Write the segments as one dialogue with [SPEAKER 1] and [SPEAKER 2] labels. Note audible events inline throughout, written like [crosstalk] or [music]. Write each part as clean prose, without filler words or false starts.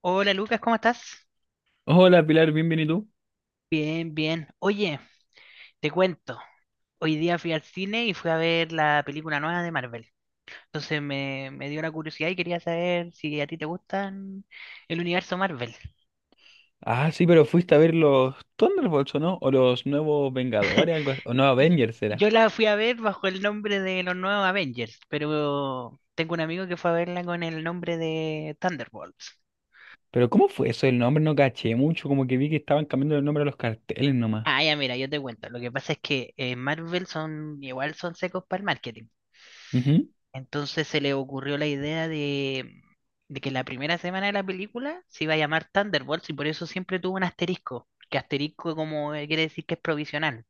[SPEAKER 1] Hola Lucas, ¿cómo estás?
[SPEAKER 2] Hola Pilar, bienvenido.
[SPEAKER 1] Bien, bien. Oye, te cuento. Hoy día fui al cine y fui a ver la película nueva de Marvel. Entonces me dio la curiosidad y quería saber si a ti te gustan el universo Marvel.
[SPEAKER 2] Ah, sí, pero fuiste a ver los Thunderbolts, ¿o no? O los nuevos Vengadores, algo así. O no,
[SPEAKER 1] Y
[SPEAKER 2] Avengers era.
[SPEAKER 1] yo la fui a ver bajo el nombre de los nuevos Avengers, pero tengo un amigo que fue a verla con el nombre de Thunderbolts.
[SPEAKER 2] Pero ¿cómo fue eso? El nombre no caché mucho, como que vi que estaban cambiando el nombre a los carteles nomás.
[SPEAKER 1] Ah, ya, mira, yo te cuento. Lo que pasa es que en Marvel son igual son secos para el marketing.
[SPEAKER 2] Ujú.
[SPEAKER 1] Entonces se le ocurrió la idea de que la primera semana de la película se iba a llamar Thunderbolts y por eso siempre tuvo un asterisco, que asterisco como quiere decir que es provisional.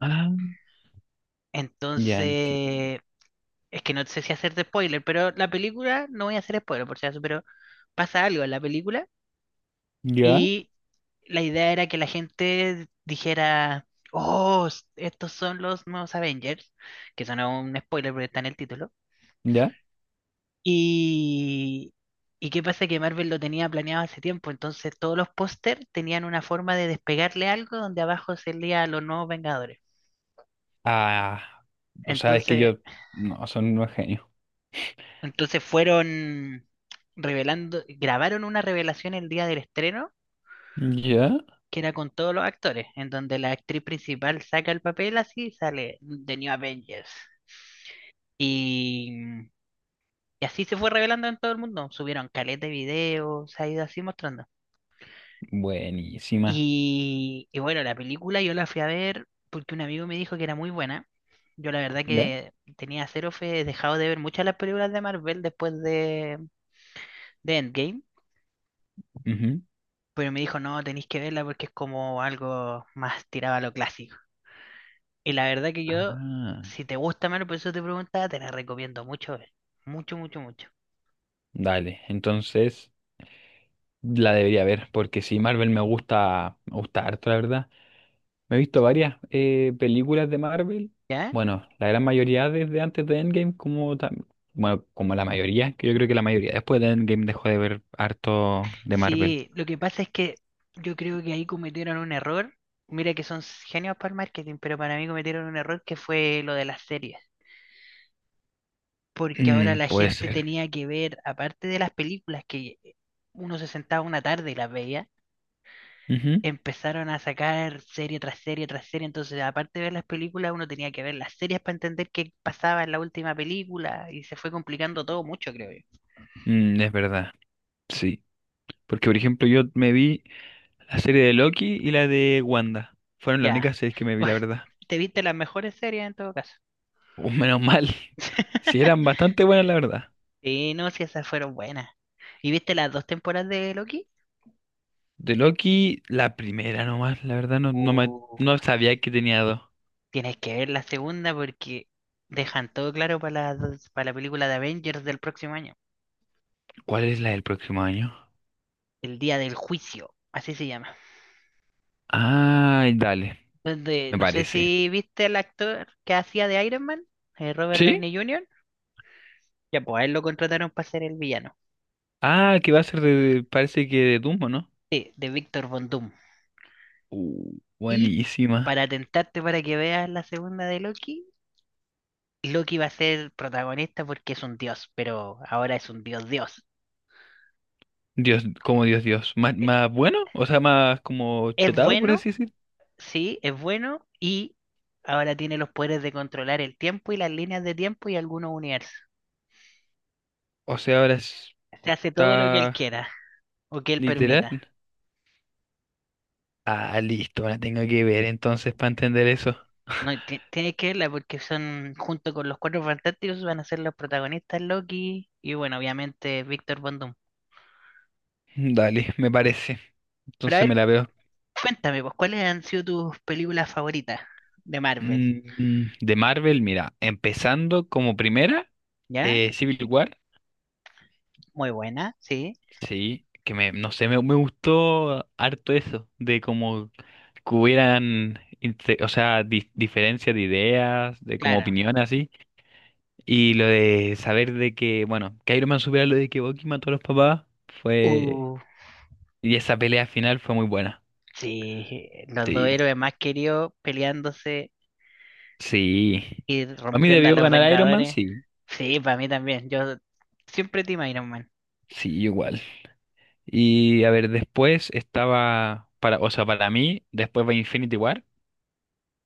[SPEAKER 2] Ah, ya enti-
[SPEAKER 1] Entonces, es que no sé si hacerte spoiler, pero la película, no voy a hacer spoiler por si acaso, pero pasa algo en la película
[SPEAKER 2] Ya,
[SPEAKER 1] y la idea era que la gente dijera, oh, estos son los nuevos Avengers, que eso no es un spoiler porque está en el título.
[SPEAKER 2] ya.
[SPEAKER 1] Y, y qué pasa que Marvel lo tenía planeado hace tiempo, entonces todos los póster tenían una forma de despegarle algo donde abajo se leía los nuevos Vengadores.
[SPEAKER 2] Ah, o sea, es que
[SPEAKER 1] Entonces,
[SPEAKER 2] yo. No, son unos genios.
[SPEAKER 1] entonces fueron revelando, grabaron una revelación el día del estreno,
[SPEAKER 2] Ya.
[SPEAKER 1] que era con todos los actores, en donde la actriz principal saca el papel así y sale The New Avengers. Y, y así se fue revelando en todo el mundo. Subieron caleta de videos, se ha ido así mostrando.
[SPEAKER 2] Buenísima.
[SPEAKER 1] Y bueno, la película yo la fui a ver porque un amigo me dijo que era muy buena. Yo la verdad
[SPEAKER 2] Ya.
[SPEAKER 1] que tenía cero fe, he dejado de ver muchas de las películas de Marvel después de Endgame,
[SPEAKER 2] Ujú.
[SPEAKER 1] pero me dijo, no, tenéis que verla porque es como algo más tirado a lo clásico. Y la verdad que yo,
[SPEAKER 2] Ah,
[SPEAKER 1] si te gusta Marvel, por eso te preguntaba, te la recomiendo mucho ver. Mucho, mucho, mucho.
[SPEAKER 2] dale. Entonces, la debería ver, porque si Marvel me gusta harto, la verdad. Me he visto varias películas de Marvel.
[SPEAKER 1] ¿Ya?
[SPEAKER 2] Bueno, la gran mayoría desde antes de Endgame, bueno, como la mayoría, que yo creo que la mayoría después de Endgame dejó de ver harto de Marvel.
[SPEAKER 1] Sí, lo que pasa es que yo creo que ahí cometieron un error. Mira que son genios para el marketing, pero para mí cometieron un error que fue lo de las series. Porque ahora
[SPEAKER 2] Mm,
[SPEAKER 1] la
[SPEAKER 2] puede
[SPEAKER 1] gente
[SPEAKER 2] ser.
[SPEAKER 1] tenía que ver, aparte de las películas que uno se sentaba una tarde y las veía,
[SPEAKER 2] Ujú.
[SPEAKER 1] empezaron a sacar serie tras serie tras serie. Entonces, aparte de ver las películas, uno tenía que ver las series para entender qué pasaba en la última película y se fue complicando todo mucho, creo yo.
[SPEAKER 2] Mm, es verdad. Sí. Porque, por ejemplo, yo me vi la serie de Loki y la de Wanda. Fueron las
[SPEAKER 1] Ya,
[SPEAKER 2] únicas series que me
[SPEAKER 1] [laughs]
[SPEAKER 2] vi, la
[SPEAKER 1] bueno,
[SPEAKER 2] verdad. [laughs]
[SPEAKER 1] te viste las mejores series en todo caso.
[SPEAKER 2] Menos mal. Sí,
[SPEAKER 1] [laughs]
[SPEAKER 2] eran bastante buenas, la verdad.
[SPEAKER 1] Sí, no, si esas fueron buenas. ¿Y viste las dos temporadas de Loki?
[SPEAKER 2] De Loki, la primera nomás, la verdad,
[SPEAKER 1] Uh,
[SPEAKER 2] no sabía que tenía dos.
[SPEAKER 1] tienes que ver la segunda porque dejan todo claro para la película de Avengers del próximo año.
[SPEAKER 2] ¿Cuál es la del próximo año?
[SPEAKER 1] El día del juicio, así se llama.
[SPEAKER 2] Ay, dale,
[SPEAKER 1] Donde,
[SPEAKER 2] me
[SPEAKER 1] no sé
[SPEAKER 2] parece.
[SPEAKER 1] si viste al actor que hacía de Iron Man, Robert
[SPEAKER 2] ¿Sí?
[SPEAKER 1] Downey Jr. Ya, pues a él lo contrataron para ser el villano.
[SPEAKER 2] Ah, que va a ser de, parece que de Doom, ¿o no?
[SPEAKER 1] Sí, de Víctor Von Doom. Y
[SPEAKER 2] Buenísima.
[SPEAKER 1] para tentarte para que veas la segunda de Loki, Loki va a ser protagonista porque es un dios, pero ahora es un dios dios.
[SPEAKER 2] Dios, como Dios, Dios. ¿Más,
[SPEAKER 1] e-
[SPEAKER 2] más bueno? O sea, más como
[SPEAKER 1] Es
[SPEAKER 2] chetado, por
[SPEAKER 1] bueno,
[SPEAKER 2] así decir.
[SPEAKER 1] sí, es bueno y ahora tiene los poderes de controlar el tiempo y las líneas de tiempo y algunos universos.
[SPEAKER 2] O sea, ahora
[SPEAKER 1] Se hace todo lo que él
[SPEAKER 2] está
[SPEAKER 1] quiera o que él permita.
[SPEAKER 2] literal. Ah, listo, la tengo que ver entonces para entender eso.
[SPEAKER 1] No, y tienes que verla porque son, junto con los Cuatro Fantásticos, van a ser los protagonistas Loki y bueno, obviamente Víctor Von Doom.
[SPEAKER 2] Dale, me parece.
[SPEAKER 1] Pero a
[SPEAKER 2] Entonces me
[SPEAKER 1] ver,
[SPEAKER 2] la veo.
[SPEAKER 1] cuéntame, pues, ¿cuáles han sido tus películas favoritas de Marvel?
[SPEAKER 2] De Marvel, mira, empezando como primera,
[SPEAKER 1] ¿Ya?
[SPEAKER 2] Civil War.
[SPEAKER 1] Muy buena, sí,
[SPEAKER 2] Sí, que no sé, me gustó harto eso, de como que o sea, diferencias de ideas, de como
[SPEAKER 1] claro.
[SPEAKER 2] opiniones así, y lo de saber de que, bueno, que Iron Man supiera lo de que Bucky mató a los papás, fue,
[SPEAKER 1] Uh,
[SPEAKER 2] y esa pelea final fue muy buena.
[SPEAKER 1] sí, los dos
[SPEAKER 2] Sí,
[SPEAKER 1] héroes más queridos peleándose
[SPEAKER 2] sí.
[SPEAKER 1] y
[SPEAKER 2] A mí
[SPEAKER 1] rompiendo a
[SPEAKER 2] debió
[SPEAKER 1] los
[SPEAKER 2] ganar Iron Man,
[SPEAKER 1] Vengadores.
[SPEAKER 2] sí,
[SPEAKER 1] Sí, para mí también. Yo siempre Team Iron Man.
[SPEAKER 2] sí, igual. Y a ver, después estaba, para, o sea, para mí, después va Infinity War.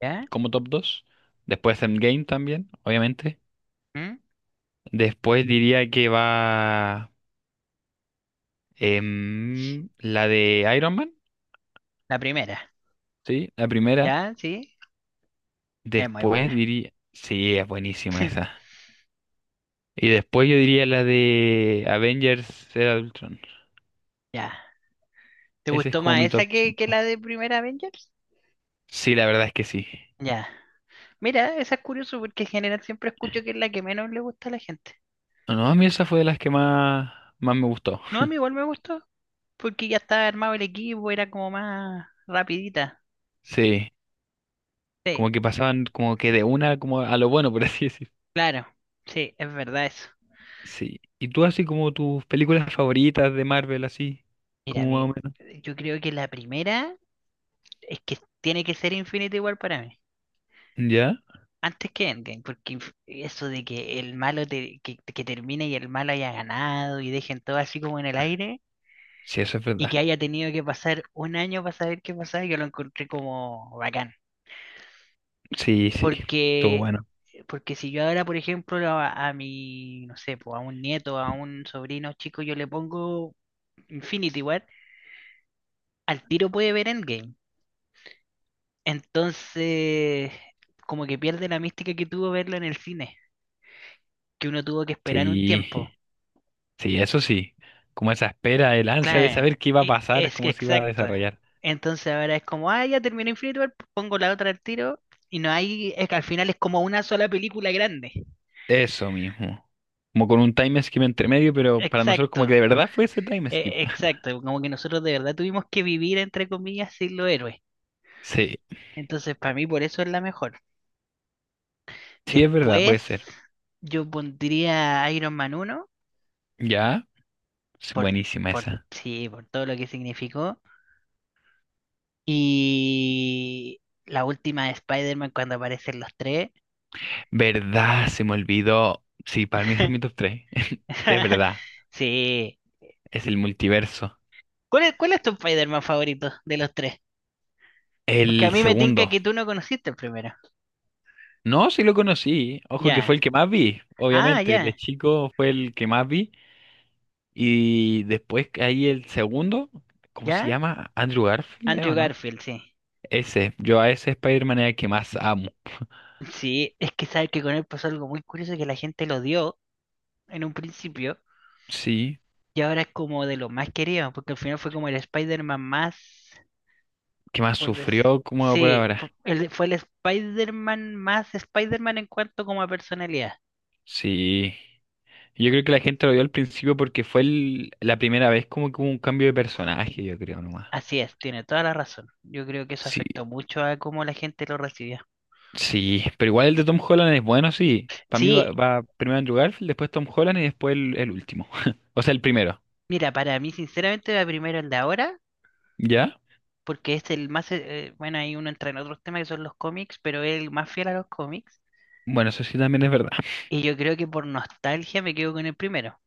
[SPEAKER 1] ¿Ya?
[SPEAKER 2] Como top dos. Después Endgame también, obviamente.
[SPEAKER 1] ¿Mm?
[SPEAKER 2] Después diría que va la de Iron Man,
[SPEAKER 1] La primera.
[SPEAKER 2] ¿sí? La primera.
[SPEAKER 1] ¿Ya? Sí. Es muy
[SPEAKER 2] Después
[SPEAKER 1] buena.
[SPEAKER 2] diría... Sí, es buenísima esa. Y después yo diría la de Avengers Era de Ultron.
[SPEAKER 1] Ya. ¿Te
[SPEAKER 2] Ese es
[SPEAKER 1] gustó
[SPEAKER 2] como
[SPEAKER 1] más
[SPEAKER 2] mi
[SPEAKER 1] esa
[SPEAKER 2] top
[SPEAKER 1] que
[SPEAKER 2] cinco.
[SPEAKER 1] la de primera Avengers?
[SPEAKER 2] Sí, la verdad es que sí.
[SPEAKER 1] Ya. Mira, esa es curioso porque en general siempre escucho que es la que menos le gusta a la gente.
[SPEAKER 2] No, a mí esa fue de las que más, más me gustó.
[SPEAKER 1] No, a mí igual me gustó porque ya estaba armado el equipo, era como más rapidita.
[SPEAKER 2] Sí,
[SPEAKER 1] Sí,
[SPEAKER 2] como que pasaban como que de una como a lo bueno, por así decir.
[SPEAKER 1] claro. Sí, es verdad eso.
[SPEAKER 2] Sí. ¿Y tú así como tus películas favoritas de Marvel, así,
[SPEAKER 1] Mira, a
[SPEAKER 2] como más
[SPEAKER 1] mí,
[SPEAKER 2] o menos?
[SPEAKER 1] yo creo que la primera es que tiene que ser Infinity igual para mí.
[SPEAKER 2] ¿Ya?
[SPEAKER 1] Antes que Endgame, porque eso de que el malo que termine y el malo haya ganado y dejen todo así como en el aire
[SPEAKER 2] Sí, eso es
[SPEAKER 1] y
[SPEAKER 2] verdad.
[SPEAKER 1] que haya tenido que pasar un año para saber qué pasaba, yo lo encontré como bacán.
[SPEAKER 2] Sí, sí. Todo
[SPEAKER 1] Porque,
[SPEAKER 2] bueno.
[SPEAKER 1] porque si yo ahora, por ejemplo, a mi, no sé, pues a un nieto, a un sobrino chico, yo le pongo Infinity War, al tiro puede ver Endgame. Entonces, como que pierde la mística que tuvo verlo en el cine, que uno tuvo que esperar un tiempo.
[SPEAKER 2] Sí, sí, eso sí. Como esa espera, el ansia de
[SPEAKER 1] Claro,
[SPEAKER 2] saber qué iba a pasar,
[SPEAKER 1] es que
[SPEAKER 2] cómo se iba a
[SPEAKER 1] exacto.
[SPEAKER 2] desarrollar.
[SPEAKER 1] Entonces ahora es como, ah, ya terminó Infinity War, pongo la otra al tiro y no hay, es que al final es como una sola película grande.
[SPEAKER 2] Eso mismo. Como con un time skip entre medio, pero para nosotros
[SPEAKER 1] Exacto,
[SPEAKER 2] como que de verdad fue ese time skip. [laughs]
[SPEAKER 1] exacto. Como que nosotros de verdad tuvimos que vivir, entre comillas, sin los héroes.
[SPEAKER 2] Sí,
[SPEAKER 1] Entonces para mí por eso es la mejor.
[SPEAKER 2] sí es verdad,
[SPEAKER 1] Después
[SPEAKER 2] puede ser.
[SPEAKER 1] yo pondría Iron Man uno
[SPEAKER 2] ¿Ya? Es
[SPEAKER 1] por,
[SPEAKER 2] buenísima
[SPEAKER 1] por,
[SPEAKER 2] esa.
[SPEAKER 1] sí, por todo lo que significó. Y la última de Spider-Man cuando aparecen los tres.
[SPEAKER 2] ¿Verdad? Se me olvidó. Sí, para mí esa es mi
[SPEAKER 1] [laughs]
[SPEAKER 2] top tres. [laughs] Es
[SPEAKER 1] [laughs]
[SPEAKER 2] verdad.
[SPEAKER 1] Sí.
[SPEAKER 2] Es el multiverso.
[SPEAKER 1] ¿Cuál es tu Spider-Man favorito de los tres? Porque a
[SPEAKER 2] El
[SPEAKER 1] mí me tinca
[SPEAKER 2] segundo.
[SPEAKER 1] que tú no conociste el primero.
[SPEAKER 2] No, sí lo conocí. Ojo que
[SPEAKER 1] Ya.
[SPEAKER 2] fue el que más vi.
[SPEAKER 1] Ah,
[SPEAKER 2] Obviamente, de
[SPEAKER 1] ya.
[SPEAKER 2] chico fue el que más vi. Y después que ahí el segundo, ¿cómo se
[SPEAKER 1] ¿Ya?
[SPEAKER 2] llama? Andrew Garfield, ¿eh,
[SPEAKER 1] Andrew
[SPEAKER 2] o no?
[SPEAKER 1] Garfield, sí.
[SPEAKER 2] Ese. Yo a ese Spider-Man es el que más amo. [laughs]
[SPEAKER 1] Sí, es que sabes que con él pasó algo muy curioso que la gente lo odió en un principio
[SPEAKER 2] Sí.
[SPEAKER 1] y ahora es como de lo más querido, porque al final fue como el Spider-Man más,
[SPEAKER 2] Que más sufrió como por
[SPEAKER 1] sí,
[SPEAKER 2] ahora.
[SPEAKER 1] fue el Spider-Man más Spider-Man en cuanto como a personalidad.
[SPEAKER 2] Sí. Yo creo que la gente lo vio al principio porque la primera vez como que hubo un cambio de personaje, yo creo nomás.
[SPEAKER 1] Así es, tiene toda la razón. Yo creo que eso
[SPEAKER 2] Sí.
[SPEAKER 1] afectó mucho a cómo la gente lo recibió.
[SPEAKER 2] Sí, pero igual el de Tom Holland es bueno, sí. Para mí
[SPEAKER 1] Sí,
[SPEAKER 2] va primero Andrew Garfield, después Tom Holland y después el último. [laughs] O sea, el primero.
[SPEAKER 1] mira, para mí sinceramente la primero es de ahora,
[SPEAKER 2] ¿Ya?
[SPEAKER 1] porque es el más, bueno, ahí uno entra en otros temas que son los cómics, pero es el más fiel a los cómics.
[SPEAKER 2] Bueno, eso sí también es verdad.
[SPEAKER 1] Y yo creo que por nostalgia me quedo con el primero,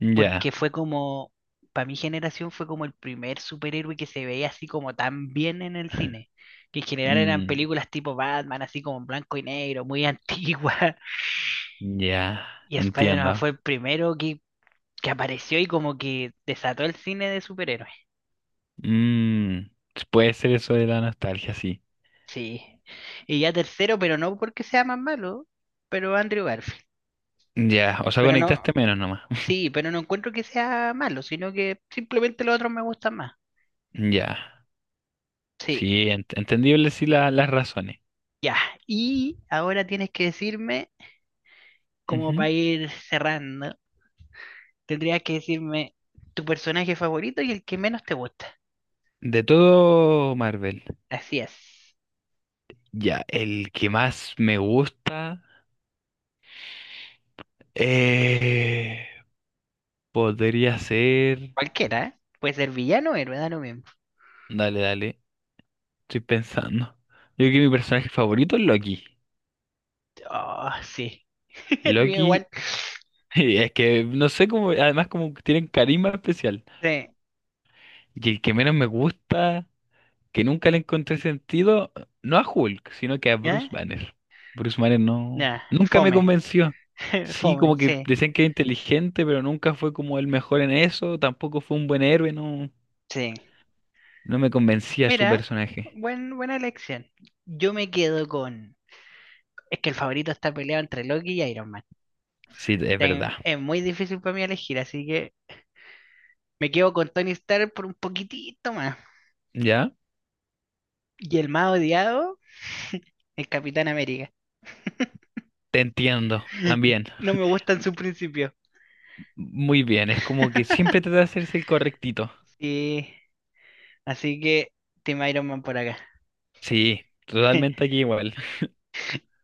[SPEAKER 2] Ya.
[SPEAKER 1] porque fue como, para mi generación fue como el primer superhéroe que se veía así como tan bien en el cine, que en general eran
[SPEAKER 2] Mm,
[SPEAKER 1] películas tipo Batman, así como en blanco y negro, muy antigua. [laughs]
[SPEAKER 2] ya,
[SPEAKER 1] Y Spider-Man
[SPEAKER 2] entiendo.
[SPEAKER 1] fue el primero que apareció y como que desató el cine de superhéroes.
[SPEAKER 2] Mm, puede ser eso de la nostalgia, sí.
[SPEAKER 1] Sí. Y ya tercero, pero no porque sea más malo, pero Andrew Garfield.
[SPEAKER 2] Ya, o sea,
[SPEAKER 1] Pero no,
[SPEAKER 2] conectaste menos nomás.
[SPEAKER 1] sí, pero no encuentro que sea malo, sino que simplemente los otros me gustan más.
[SPEAKER 2] Ya. Sí,
[SPEAKER 1] Sí,
[SPEAKER 2] entendible sí las razones.
[SPEAKER 1] ya. Y ahora tienes que decirme, como
[SPEAKER 2] Ujú.
[SPEAKER 1] para ir cerrando, tendrías que decirme tu personaje favorito y el que menos te gusta.
[SPEAKER 2] De todo Marvel.
[SPEAKER 1] Así es.
[SPEAKER 2] Ya, el que más me gusta... eh, Podría ser.
[SPEAKER 1] Cualquiera, ¿eh? Puede ser villano o héroe, da lo mismo.
[SPEAKER 2] Dale, dale. Estoy pensando. Yo creo que mi personaje favorito es Loki.
[SPEAKER 1] Oh, sí. [laughs] El mío
[SPEAKER 2] Loki,
[SPEAKER 1] igual.
[SPEAKER 2] [laughs] es que no sé cómo. Además, como que tienen carisma especial.
[SPEAKER 1] Sí.
[SPEAKER 2] Y el que menos me gusta, que nunca le encontré sentido, no a Hulk, sino que a Bruce
[SPEAKER 1] ¿Eh?
[SPEAKER 2] Banner. Bruce Banner no.
[SPEAKER 1] Ya,
[SPEAKER 2] Nunca me
[SPEAKER 1] fome.
[SPEAKER 2] convenció.
[SPEAKER 1] [laughs]
[SPEAKER 2] Sí,
[SPEAKER 1] Fome,
[SPEAKER 2] como que
[SPEAKER 1] sí.
[SPEAKER 2] decían que era inteligente, pero nunca fue como el mejor en eso. Tampoco fue un buen héroe, no.
[SPEAKER 1] Sí.
[SPEAKER 2] No me convencía su
[SPEAKER 1] Mira,
[SPEAKER 2] personaje.
[SPEAKER 1] buena elección. Yo me quedo con. Es que el favorito está peleado entre Loki y Iron Man.
[SPEAKER 2] Sí, es verdad.
[SPEAKER 1] Es muy difícil para mí elegir, así que me quedo con Tony Stark por un poquitito más.
[SPEAKER 2] ¿Ya?
[SPEAKER 1] Y el más odiado, el Capitán América.
[SPEAKER 2] Te entiendo,
[SPEAKER 1] [laughs]
[SPEAKER 2] también.
[SPEAKER 1] No me gusta en su principio.
[SPEAKER 2] Muy bien, es como que
[SPEAKER 1] [laughs]
[SPEAKER 2] siempre trata de hacerse el correctito.
[SPEAKER 1] Sí, así que Team Iron Man por acá.
[SPEAKER 2] Sí, totalmente aquí
[SPEAKER 1] [laughs]
[SPEAKER 2] igual. [laughs]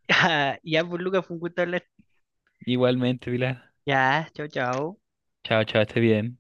[SPEAKER 1] Ya, ya, pues Lucas, fue un gusto hablar.
[SPEAKER 2] Igualmente, Pilar.
[SPEAKER 1] Ya, chao, chao.
[SPEAKER 2] Chao, chao, esté bien.